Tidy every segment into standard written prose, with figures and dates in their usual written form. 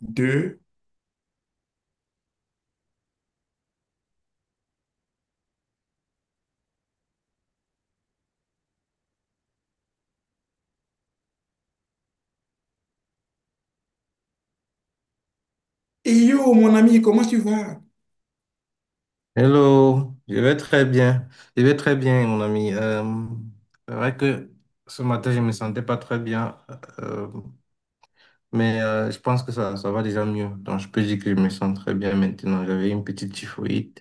De et yo, mon ami, comment tu vas ?» Hello, je vais très bien. Je vais très bien, mon ami. C'est vrai que ce matin, je ne me sentais pas très bien, euh, mais je pense que ça va déjà mieux. Donc, je peux dire que je me sens très bien maintenant. J'avais une petite typhoïde.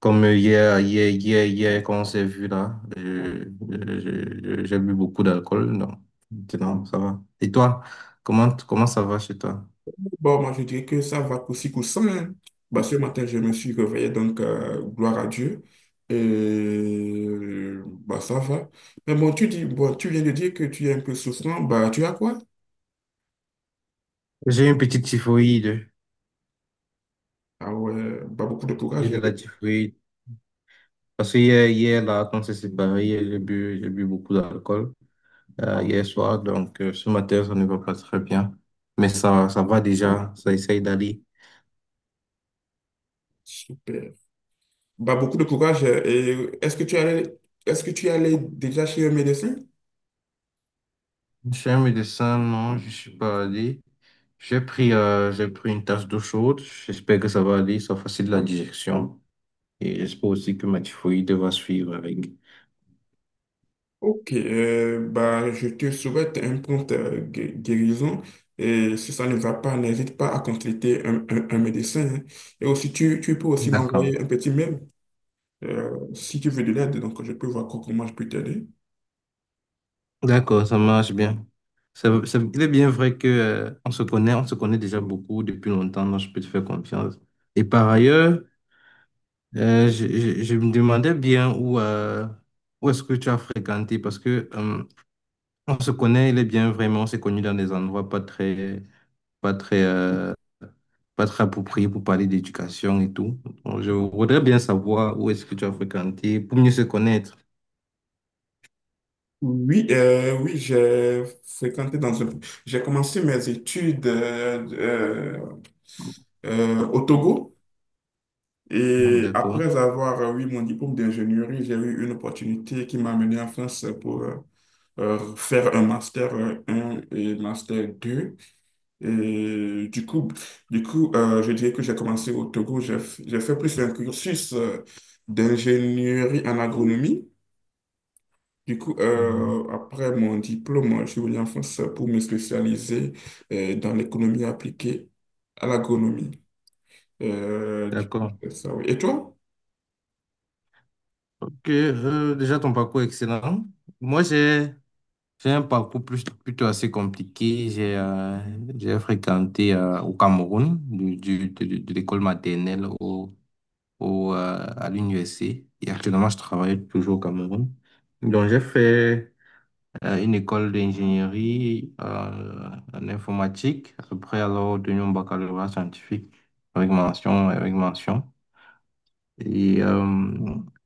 Comme hier, quand on s'est vu là, j'ai bu beaucoup d'alcool. Donc, maintenant, ça va. Et toi, comment ça va chez toi? Bon, moi, je dirais que ça va aussi coussi coussa, hein. Bah, ce matin, je me suis réveillé, donc gloire à Dieu. Et bah, ça va. Mais bon, tu dis, bon, tu viens de dire que tu es un peu souffrant. Bah, tu as quoi? J'ai une petite typhoïde. Ah ouais, bah, beaucoup de J'ai courage, de hein. la typhoïde. Parce que hier là, quand c'est séparé, hier, j'ai bu beaucoup d'alcool hier soir. Donc, ce matin, ça ne va pas très bien. Mais ça va déjà. Ça essaye d'aller. Super. Bah, beaucoup de courage. Et est-ce que tu allais déjà chez un médecin? Chez un médecin, non, je suis pas allé. J'ai pris une tasse d'eau chaude. J'espère que ça va aller. Ça facilite la digestion. Et j'espère aussi que ma typhoïde va suivre avec. Ok, bah, je te souhaite un prompt guérison. Et si ça ne va pas, n'hésite pas à consulter un médecin, hein. Et aussi, tu peux aussi D'accord. m'envoyer un petit mail si tu veux de l'aide. Donc, je peux voir comment je peux t'aider. D'accord, ça marche bien. Il est bien vrai que, on se connaît déjà beaucoup depuis longtemps, donc je peux te faire confiance. Et par ailleurs, je me demandais bien où est-ce que tu as fréquenté, parce que on se connaît, il est bien vraiment, on s'est connu dans des endroits pas très, euh, pas très appropriés pour parler d'éducation et tout. Donc, je voudrais bien savoir où est-ce que tu as fréquenté pour mieux se connaître. Oui, oui, j'ai fréquenté dans un... J'ai commencé mes études au Togo Mhm. et D'accord. après avoir eu mon diplôme d'ingénierie, j'ai eu une opportunité qui m'a amené en France pour faire un master un et master deux. Et du coup, du coup, je dirais que j'ai commencé au Togo, j'ai fait plus un cursus d'ingénierie en agronomie. Du coup, Mhm. Après mon diplôme, je suis venu en France pour me spécialiser dans l'économie appliquée à l'agronomie. Du coup, D'accord. c'est ça, oui. Et toi? Ok, déjà ton parcours est excellent. Moi, j'ai un parcours plutôt assez compliqué. J'ai fréquenté au Cameroun, de l'école maternelle à l'université. Et actuellement, je travaille toujours au Cameroun. Donc, j'ai fait une école d'ingénierie en informatique. Après, alors, obtenu un baccalauréat scientifique avec mention, avec mention. Et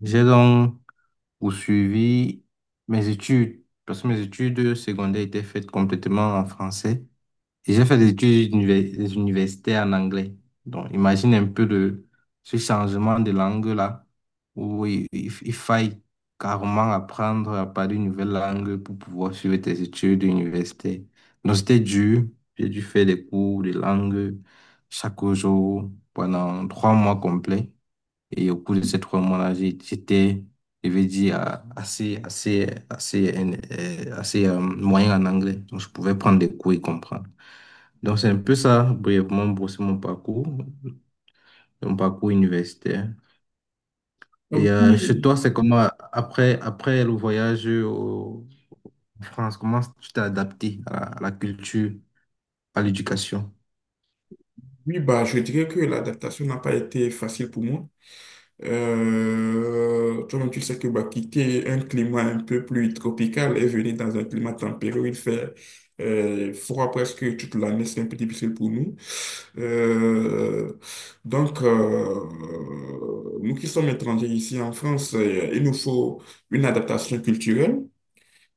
j'ai donc poursuivi mes études, parce que mes études secondaires étaient faites complètement en français. Et j'ai fait des universités en anglais. Donc, imagine un peu de ce changement de langue-là, où il faille carrément apprendre à parler une nouvelle langue pour pouvoir suivre tes études d'université. Donc, c'était dur. J'ai dû faire des cours de langue chaque jour pendant 3 mois complets. Et au cours de ces 3 mois-là, j'étais, je vais dire, moyen en anglais. Donc, je pouvais prendre des cours et comprendre. Donc, c'est un peu ça, brièvement, brosser mon parcours, universitaire. Ah Et chez oui, toi, c'est comment, après le voyage en France, comment tu t'es adapté à la culture, à l'éducation? oui, bah, je dirais que l'adaptation n'a pas été facile pour moi. Toi-même, tu sais que bah, quitter un climat un peu plus tropical et venir dans un climat tempéré où il fait froid presque toute l'année, c'est un peu difficile pour nous. Euh, donc, euh, nous qui sommes étrangers ici en France, il nous faut une adaptation culturelle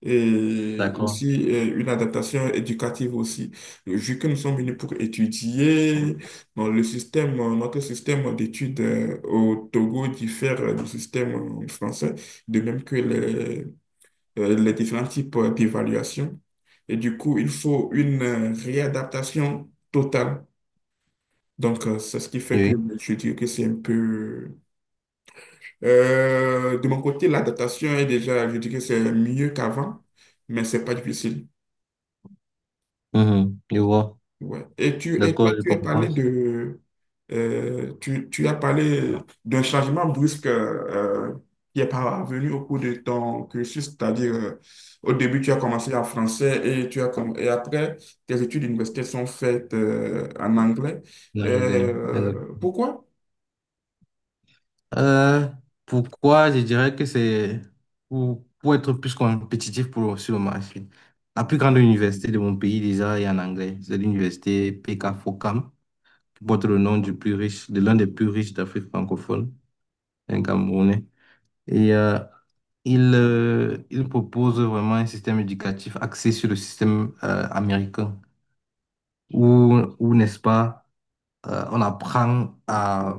et D'accord. aussi une adaptation éducative aussi. Vu que nous sommes venus pour étudier, bon, notre système d'études au Togo diffère du système français, de même que les différents types d'évaluation. Et du coup, il faut une réadaptation totale. Donc, c'est ce qui fait que Oui. je dis que c'est un peu... de mon côté, l'adaptation est déjà, je dis que c'est mieux qu'avant, mais c'est pas difficile. Mhm. Je vois. Ouais. Et, et D'accord, toi, je tu as parlé comprends. de... tu as parlé d'un changement brusque qui est parvenu au cours de ton cursus, c'est-à-dire au début, tu as commencé en français et après, tes études universitaires sont faites en anglais. L'anglais. Exact. Pourquoi? Euh, Pourquoi je dirais que c'est pour être plus compétitif sur le marché. La plus grande université de mon pays, déjà, est en anglais. C'est l'université PK Focam, porte le nom du plus riche, de l'un des plus riches d'Afrique francophone, un Camerounais. Et il propose vraiment un système éducatif axé sur le système américain, où, où n'est-ce pas, on apprend à,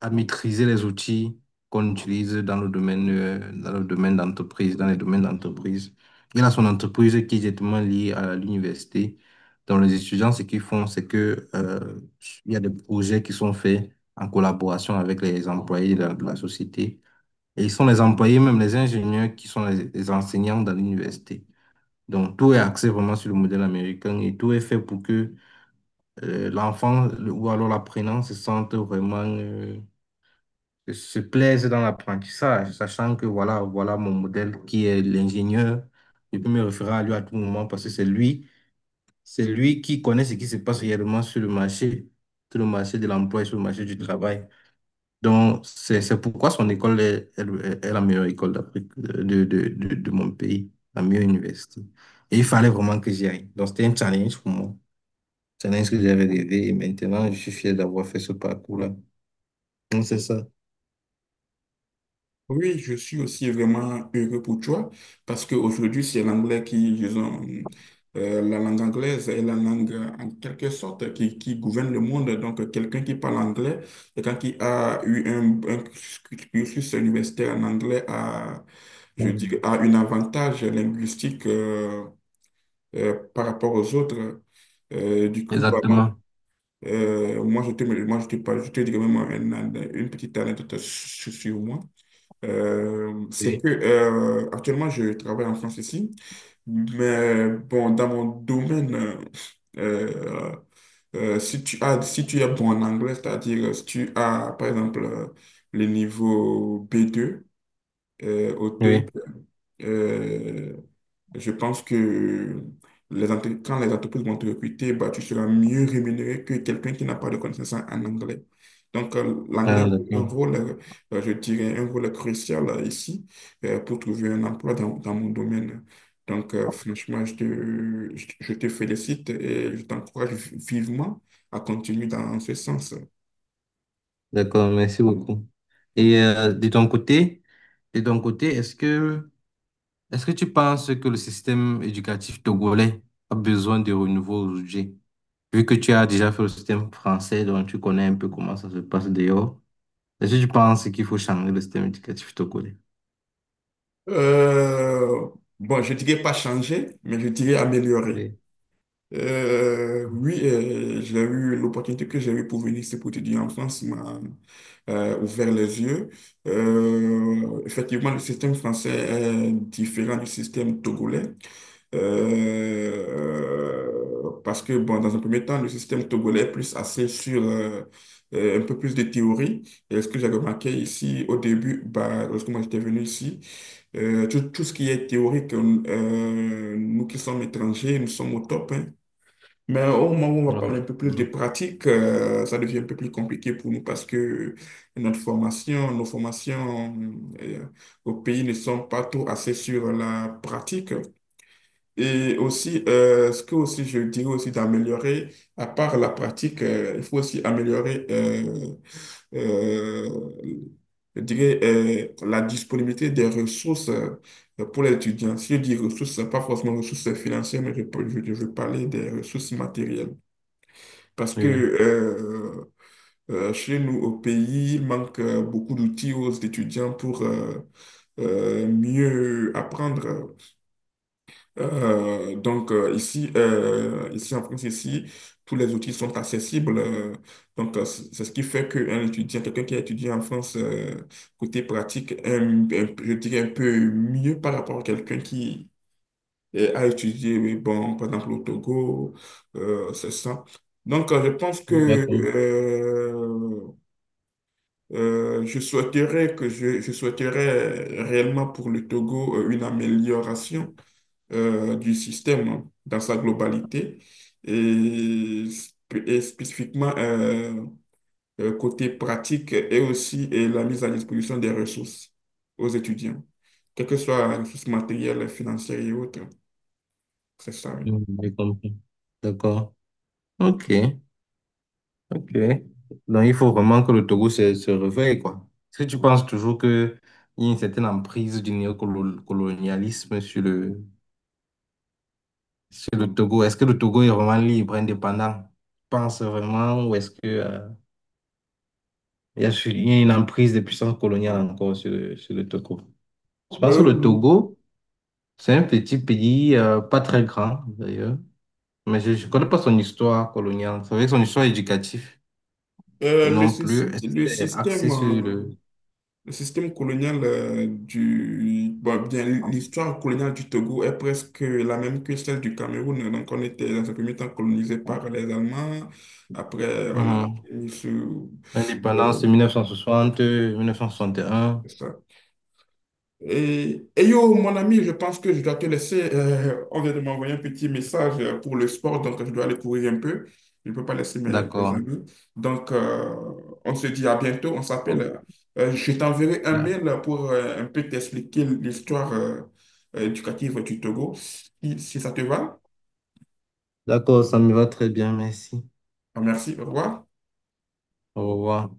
à maîtriser les outils qu'on utilise dans le domaine d'entreprise, dans les domaines d'entreprise. Il a son entreprise qui est directement liée à l'université. Donc, les étudiants, ce qu'ils font, c'est que, il y a des projets qui sont faits en collaboration avec les employés de la société. Et ils sont les employés, même les ingénieurs, qui sont les enseignants dans l'université. Donc, tout est axé vraiment sur le modèle américain et tout est fait pour que l'enfant ou alors l'apprenant se sente vraiment, que se plaisent dans l'apprentissage, sachant que voilà mon modèle qui est l'ingénieur. Je peux me référer à lui à tout moment parce que c'est lui qui connaît ce qui se passe réellement sur le marché de l'emploi et sur le marché du travail. Donc, c'est pourquoi son école est la meilleure école d'Afrique, de mon pays, la meilleure université. Et il fallait vraiment que j'y aille. Donc, c'était un challenge pour moi. Challenge que j'avais rêvé et maintenant, je suis fier d'avoir fait ce parcours-là. Donc, c'est ça. Oui, je suis aussi vraiment heureux pour toi parce qu'aujourd'hui, c'est l'anglais qui, disons, la langue anglaise est la langue en quelque sorte qui gouverne le monde. Donc, quelqu'un qui parle anglais, quelqu'un qui a eu un cursus universitaire en anglais a, je dis Mm. a un avantage linguistique par rapport aux autres. Du coup, bah, moi, Exactement. Je te dirais même une petite anecdote sur sur moi. C'est Oui. que actuellement je travaille en France ici, mais bon, dans mon domaine, euh, si tu as, si tu es bon en anglais, c'est-à-dire si tu as par exemple le niveau b deux au TOEIC, Oui, je pense que quand les entreprises vont te recruter, bah, tu seras mieux rémunéré que quelqu'un qui n'a pas de connaissances en anglais. Donc, ah, l'anglais joue un d'accord. rôle, je dirais, un rôle crucial ici pour trouver un emploi dans, dans mon domaine. Donc, franchement, je te félicite et je t'encourage vivement à continuer dans ce sens. D'accord, merci beaucoup. Et de ton côté, est-ce que tu penses que le système éducatif togolais a besoin de renouveau aujourd'hui? Vu que tu as déjà fait le système français, donc tu connais un peu comment ça se passe dehors. Est-ce que tu penses qu'il faut changer le système éducatif togolais? Euh, bon, je dirais pas changer, mais je dirais améliorer. Oui. Oui, j'ai eu l'opportunité que j'ai eue pour venir ici pour étudier en France m'a ouvert les yeux. Effectivement, le système français est différent du système togolais. Parce que, bon, dans un premier temps, le système togolais est plus axé sur un peu plus de théorie. Et ce que j'ai remarqué ici au début, bah, lorsque moi j'étais venu ici, tout, tout ce qui est théorique, nous qui sommes étrangers, nous sommes au top, hein. Mais au moment où on va Voilà. parler un peu plus de pratique, ça devient un peu plus compliqué pour nous parce que nos formations euh, au pays ne sont pas trop assez sur la pratique. Et aussi, ce que aussi je dirais aussi d'améliorer, à part la pratique, il faut aussi améliorer euh, je dirais, la disponibilité des ressources pour les étudiants. Si je dis ressources, pas forcément ressources financières, mais je veux parler des ressources matérielles. Parce que Oui. Chez nous, au pays, il manque beaucoup d'outils aux étudiants pour mieux apprendre. Donc ici en France, ici, tous les outils sont accessibles. Donc c'est ce qui fait qu'un étudiant, quelqu'un qui a étudié en France, côté pratique, je dirais un peu mieux par rapport à quelqu'un qui et à étudier, oui, bon, par exemple, au Togo, c'est ça. Donc, D'accord. Je souhaiterais que je souhaiterais réellement pour le Togo une amélioration du système dans sa globalité et, et spécifiquement côté pratique et aussi et la mise à disposition des ressources aux étudiants, quelles que soient les ressources matérielles, financières et autres. C'est ça, oui. Oui, je comprends. D'accord. OK. Ok. Donc, il faut vraiment que le Togo se réveille, quoi. Est-ce que tu penses toujours qu'il y a une certaine emprise du néocolonialisme sur le Togo? Est-ce que le Togo est vraiment libre, indépendant? Tu penses vraiment ou est-ce que, il y a une emprise des puissances coloniales encore sur le Togo? Je pense que le Euh, Togo, c'est un petit pays, pas très grand d'ailleurs, mais je ne connais pas son histoire coloniale. C'est vrai que son histoire éducative euh, le, non plus, sys- est-ce que le c'est système, axé sur euh, le. le système colonial du... Bon, bien, l'histoire coloniale du Togo est presque la même que celle du Cameroun. Donc, on était dans un premier temps colonisé par les Allemands. Après, on a Mhm. été mis sous... Indépendance euh, de 1960, 1961. ça. Et yo, mon ami, je pense que je dois te laisser. Euh, on vient de m'envoyer un petit message pour le sport, donc je dois aller courir un peu. Je ne peux pas laisser mes D'accord. amis. Donc, on se dit à bientôt. On s'appelle. Je t'enverrai un D'ac- mail pour un peu t'expliquer l'histoire éducative du Togo. Si, si ça te va. D'accord, ça me va très bien, merci. Ah, merci. Au revoir. Au revoir.